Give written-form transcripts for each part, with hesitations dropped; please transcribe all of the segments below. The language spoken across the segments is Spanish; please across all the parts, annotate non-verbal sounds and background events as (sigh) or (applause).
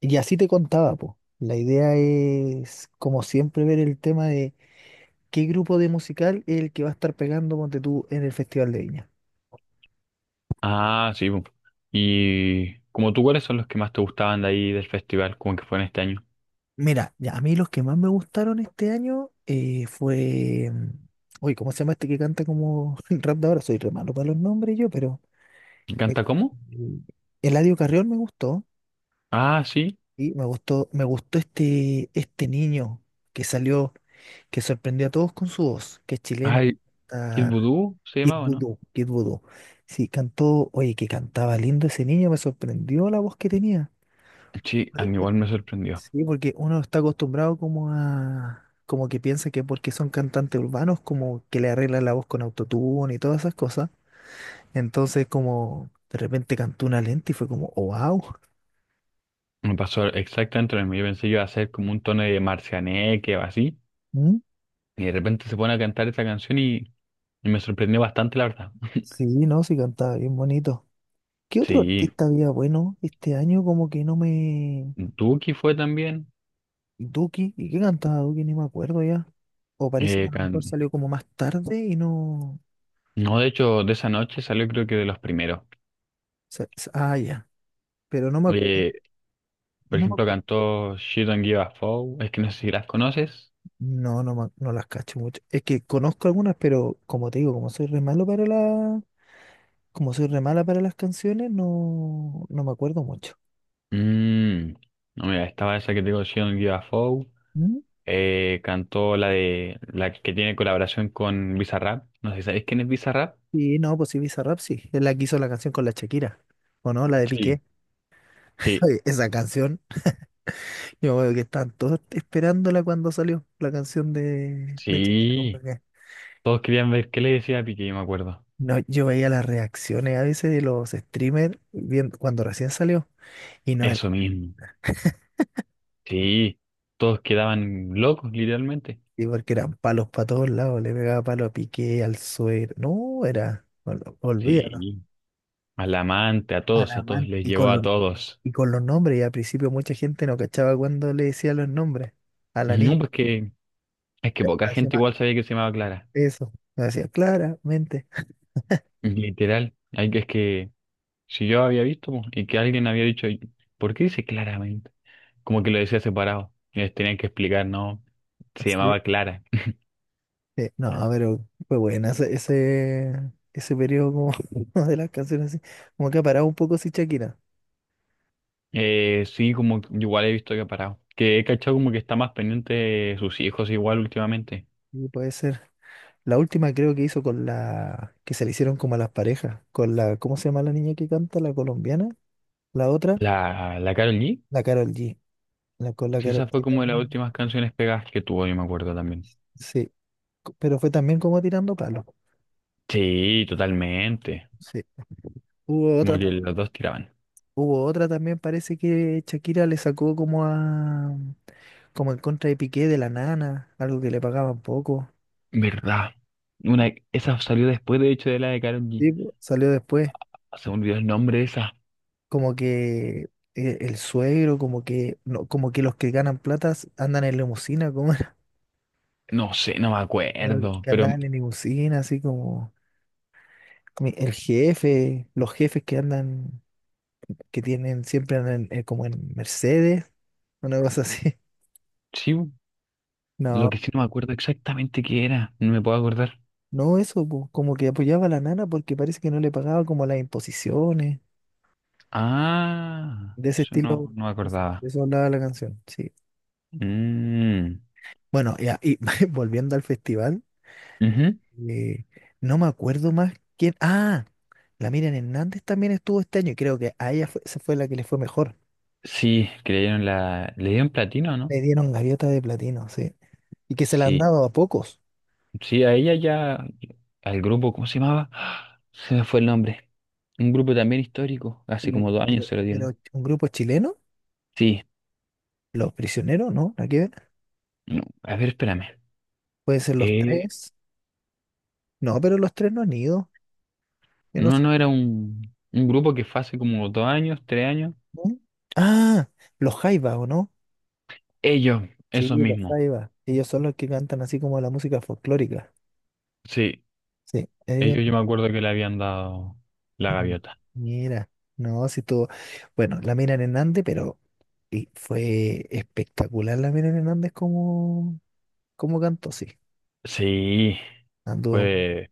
Y así te contaba, po. La idea es, como siempre, ver el tema de qué grupo de musical es el que va a estar pegando, ponte tú, en el Festival de Viña. Ah, sí. Bu. Y como tú, ¿cuáles son los que más te gustaban de ahí del festival, como que fue en este año? Mira, ya, a mí los que más me gustaron este año. Uy, ¿cómo se llama este que canta como (laughs) el rap de ahora? Soy re malo para los nombres yo, pero... eh, ¿Canta cómo? Eladio Carrión me gustó. Ah, sí. Y me gustó este niño que salió, que sorprendió a todos con su voz, que es chileno. Ay, Kid Voodoo se Kid llamaba, ¿no? Voodoo, Kid Voodoo. Sí, cantó, oye, que cantaba lindo ese niño, me sorprendió la voz que tenía. Sí, a Porque mí u- igual me sorprendió. Sí, porque uno está acostumbrado como a, como que piensa que porque son cantantes urbanos, como que le arreglan la voz con autotune y todas esas cosas. Entonces, como de repente cantó una lenta y fue como, oh wow. Me pasó exactamente lo mismo. Yo pensé que iba a ser como un tono de Marcianeque o así. ¿Mm? Y de repente se pone a cantar esa canción y me sorprendió bastante, la verdad. Sí, no, sí cantaba bien bonito. ¿Qué otro Sí, artista había bueno este año? Como que no me... Duki fue también. Duki, ¿y qué cantaba Duki? Ni me acuerdo ya. O parece que Eh, a lo mejor can- salió como más tarde y no. No, de hecho, de esa noche salió creo que de los primeros. Ah, ya. Pero no me, acu- Por no me ejemplo, acu- cantó She Don't Give a Foe. Es que no sé si las conoces. no, no, me- No las cacho mucho. Es que conozco algunas, pero como te digo, como soy re malo para la, como soy re mala para las canciones, no, no me acuerdo mucho. Mm, no, mira, estaba esa que te digo, She Don't Give a Foe. ¿Mm? Cantó la de la que tiene colaboración con Bizarrap. No sé si sabéis quién es Bizarrap. Sí, no, pues sí, Bizarrap sí. Es la que hizo la canción con la Shakira. ¿O no? La de Piqué. Sí, (laughs) sí, Oye, esa canción, yo veo que estaban todos esperándola cuando salió la canción de sí. Shakira. Todos querían ver qué le decía a Piqué, yo me acuerdo. No, yo veía las reacciones a veces de los streamers cuando recién salió. Y no era Eso mismo. Sí. Todos quedaban locos, literalmente. así porque eran palos para todos lados. Le pegaba palo a Piqué, al suero. No, era. Olvídalo. Sí. Al amante, A la a todos man. les Y con llegó a los, todos. y con los nombres. Y al principio mucha gente no cachaba cuando le decía los nombres. A la niña No, pues que es que le poca pareció gente más igual sabía que se llamaba Clara. eso. Me decía claramente. Literal, hay que es que si yo había visto po, y que alguien había dicho, ¿por qué dice claramente? Como que lo decía separado. Y les tenían que explicar, ¿no? Se Sí, llamaba Clara. (laughs) sí. No, pero fue buena ese, ese periodo como (laughs) de las canciones así. Como que ha parado un poco si Shakira. Sí, como que igual he visto que ha parado. Que he cachado como que está más pendiente de sus hijos igual últimamente. Y puede ser. La última creo que hizo con la que se le hicieron como a las parejas, con la, ¿cómo se llama la niña que canta? La colombiana, la otra, La Karol G, la Carol G. La, con la sí, Karol esa fue G como de las también, últimas canciones pegadas que tuvo, yo me acuerdo también. sí, pero fue también como tirando palos. Sí, totalmente. Sí. Hubo Como otra, que los dos tiraban. hubo otra también, parece que Shakira le sacó como a como en contra de Piqué de la nana, algo que le pagaban poco. ¿Verdad? Una, esa salió después, de hecho, de la de Karol G. Sí, po, salió después, Ah, se me olvidó el nombre de esa. como que el suegro, como que no, como que los que ganan platas andan en limusina, como. No sé, no me Pero los acuerdo, que pero andan en limusina, así como el jefe, los jefes que andan, que tienen siempre andan en- como en Mercedes, una cosa así. (laughs) sí, lo No, que sí no me acuerdo exactamente qué era, no me puedo acordar. no eso, po, como que apoyaba a la nana porque parece que no le pagaba como las imposiciones, Ah, de ese eso no, estilo, no me pues, acordaba. de eso hablaba la canción, sí. Mm, Bueno, ya, y (laughs) volviendo al festival, ujú. eh, no me acuerdo más quién. Ah, la Miriam Hernández también estuvo este año y creo que a ella esa fue la que le fue mejor. Sí, que le dieron la, le dieron platino, ¿no? Le dieron gaviota de platino, sí. Y que se la han Sí, dado a pocos. sí, a ella ya, al grupo, ¿cómo se llamaba? (gasps) Se me fue el nombre. Un grupo también histórico, hace Pero, como dos años pero, se lo dieron. pero un grupo chileno, Sí, los Prisioneros, ¿no? Nada que ver. no, a ver, espérame. Pueden ser los Eh, tres. No, pero los tres no han ido. Yo no no, sé. no era un grupo que fue hace como dos años, tres años. ¿Mm? Ah, los Jaivas, ¿o no? Ellos, Sí, esos los mismos. Jaivas. Ellos son los que cantan así como la música folclórica. Sí, Sí, ellos. ellos yo me acuerdo que le habían dado la Mm. gaviota. Mira, no, si tú. Bueno, la Miriam Hernández, pero y fue espectacular la Miriam Hernández como, cantó, sí. Sí, Anduvo. fue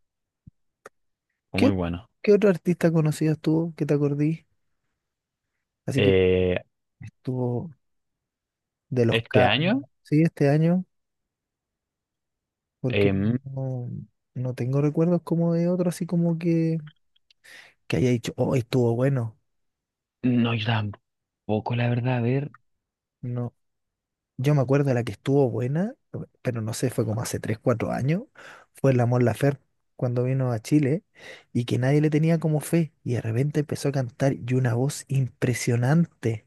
fue muy ¿Qué, bueno. qué otro artista conocido estuvo que te acordí? Así que ¿Eh, estuvo de los este K, año? sí, este año, porque Em, no, no tengo recuerdos como de otro, así como que haya dicho, oh, estuvo bueno. no, yo tampoco, la verdad, a ver. No, yo me acuerdo de la que estuvo buena, pero no sé, fue como hace 3 4 años, fue la Mon Laferte cuando vino a Chile y que nadie le tenía como fe y de repente empezó a cantar y una voz impresionante.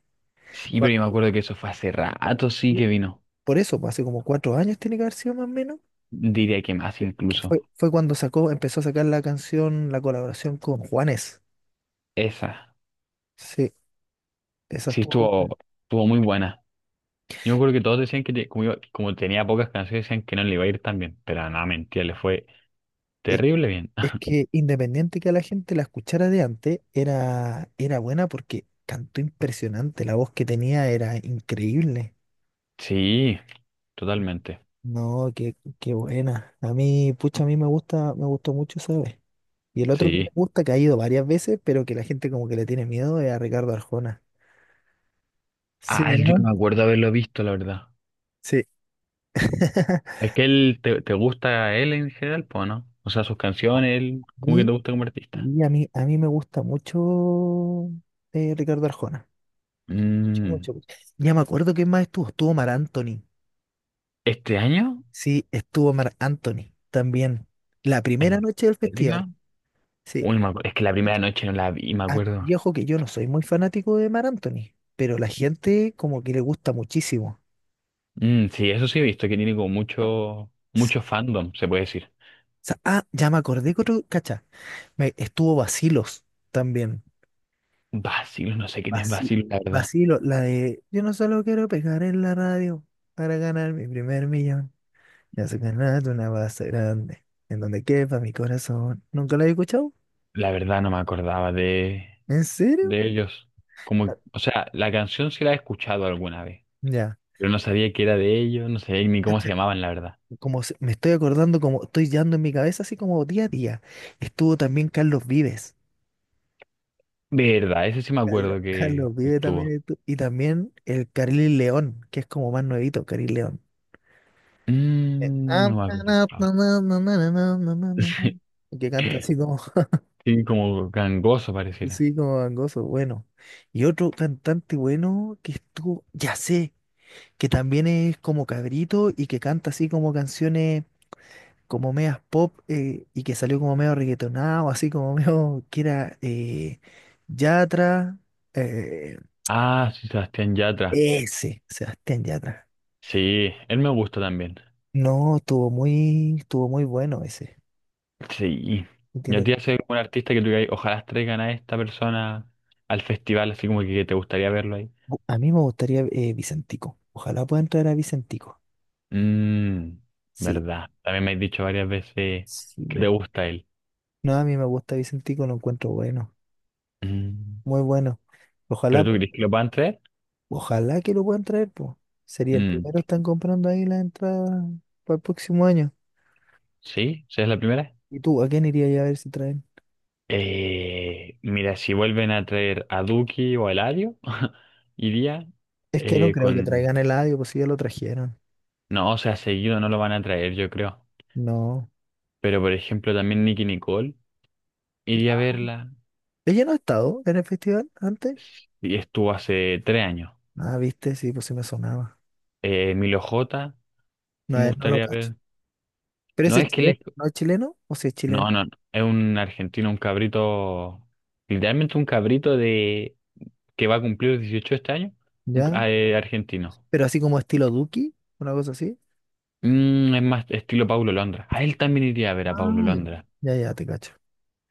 Sí, pero yo Cuando- me acuerdo que eso fue hace rato, sí sí, que vino. por eso, pues, hace como 4 años tiene que haber sido más o menos, Diría que más que incluso. fue cuando sacó, empezó a sacar la canción, la colaboración con Juanes. Esa, Sí, esa sí estuvo. estuvo, estuvo muy buena. Yo me acuerdo que todos decían que como, como tenía pocas canciones, decían que no le iba a ir tan bien. Pero nada, mentira, le fue Es, terrible bien. es (laughs) que independiente que a la gente la escuchara de antes, era buena porque cantó impresionante. La voz que tenía era increíble. Sí, totalmente. No, qué buena. A mí pucha, a mí me gustó mucho, ¿sabes? Y el otro que me Sí. gusta, que ha ido varias veces, pero que la gente como que le tiene miedo, es a Ricardo Arjona. ¿Sí Ah, o yo no? no me acuerdo haberlo visto, la verdad. Sí. (laughs) Es que él te gusta él en general, pues, ¿no? O sea, sus canciones, él, ¿cómo que te y gusta como artista? y a mí, me gusta mucho Ricardo Arjona. Mucho, Mm, mucho, mucho. Ya me acuerdo quién más estuvo. Estuvo Mar Anthony. ¿este año? Sí, estuvo Marc Anthony también. La primera ¿En noche del festival. serio? Sí. Uy, es que la primera noche no la vi, me Ah, acuerdo. y ojo que yo no soy muy fanático de Marc Anthony, pero la gente como que le gusta muchísimo. Mm, sí, eso sí he visto, que tiene como mucho, S- mucho fandom, se puede decir. Ah, ya me acordé que otro, cacha, me, estuvo Vacilos también. Basil, no sé quién es Vaci- Basil, la verdad. Vacilos, la de yo no solo quiero pegar en la radio para ganar mi primer millón. Me hace ganar una base grande en donde quepa mi corazón. ¿Nunca la he escuchado? La verdad no me acordaba ¿En serio? de ellos. Ah, Como, o sea, la canción sí la he escuchado alguna vez, ya. pero no sabía que era de ellos, no sabía ni cómo se llamaban, la verdad. Me estoy acordando, como estoy dando en mi cabeza, así como día a día. Estuvo también Carlos Vives. Verdad, ese sí me acuerdo que estuvo. Y también el Caril León, que es como más nuevito, Caril León. Mm, Ah, no me na, acuerdo. na, Ah, na, na, na, na, na, na, na, na, na, (laughs) que canta así sí, como, (laughs) sí, como gangoso pareciera. sí, como gangoso, bueno. Y otro cantante bueno que estuvo, ya sé, que también es como cabrito y que canta así como canciones como medias pop y que salió como medio reggaetonado, así como (laughs) medio que era Yatra, eh, Ah, sí, Sebastián Yatra. ese, Sebastián Yatra. Sí, él me gusta también. No, estuvo muy bueno ese. Sí. Y a Tiene, ti hace un artista que tú digas, ojalá traigan a esta persona al festival, así como que te gustaría verlo ahí. a mí me gustaría Vicentico. Ojalá pueda entrar a Vicentico. Mmm, Sí, verdad. También me has dicho varias veces sí. que te gusta él. No, a mí me gusta Vicentico, lo encuentro bueno, Mm, muy bueno. ¿pero Ojalá, tú crees que lo puedan traer? ojalá que lo puedan traer, pues. Sería el Mm, primero, están comprando ahí la entrada para el próximo año. sí, ¿sí es la primera? ¿Y tú, a quién irías a ver si traen? Mira, si vuelven a traer a Duki o a Eladio, (laughs) iría Es que no creo que con... traigan el Eladio, pues si ya lo trajeron. No, o sea, seguido no lo van a traer, yo creo. No. Pero, por ejemplo, también Nicki Nicole, iría a verla. ¿Ella no ha estado en el festival antes? Y estuvo hace tres años. Ah, viste, sí, pues sí me sonaba. Milo J, No, me no lo gustaría cacho. ver. ¿Pero No ese es es que él chileno? es... ¿No es chileno? ¿O si es chileno? No, no, no. Es un argentino, un cabrito, literalmente un cabrito de que va a cumplir 18 este año, ¿Ya? Argentino. ¿Pero así como estilo Duki? ¿Una cosa así? Mm, es más estilo Paulo Londra. A él también iría a ver a Paulo Ay, Londra. ya, ya, te cacho.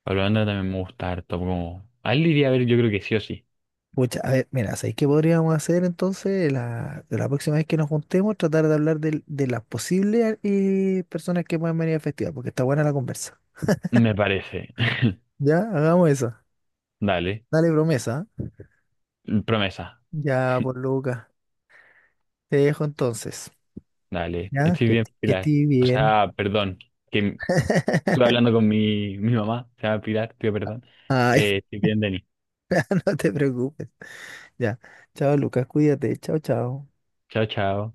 Paulo Londra también me gusta harto. Como... A él iría a ver, yo creo que sí o sí. Pucha, a ver, mira, ¿sabéis qué podríamos hacer entonces la próxima vez que nos juntemos? Tratar de hablar las posibles personas que pueden venir al festival, porque está buena la conversa. Me parece. (laughs) Ya, hagamos eso. Dale. Dale promesa. ¿Eh? Promesa. Ya, por Lucas. Te dejo entonces. Dale. Ya, Estoy que, bien, que Pilar. estés O bien. sea, perdón. Que m- Estuve (laughs) hablando con mi mamá. Se llama Pilar, tío, perdón. Ay, Estoy bien, Denis. (laughs) no te preocupes. Ya. Chao, Lucas, cuídate. Chao, chao. Chao, chao.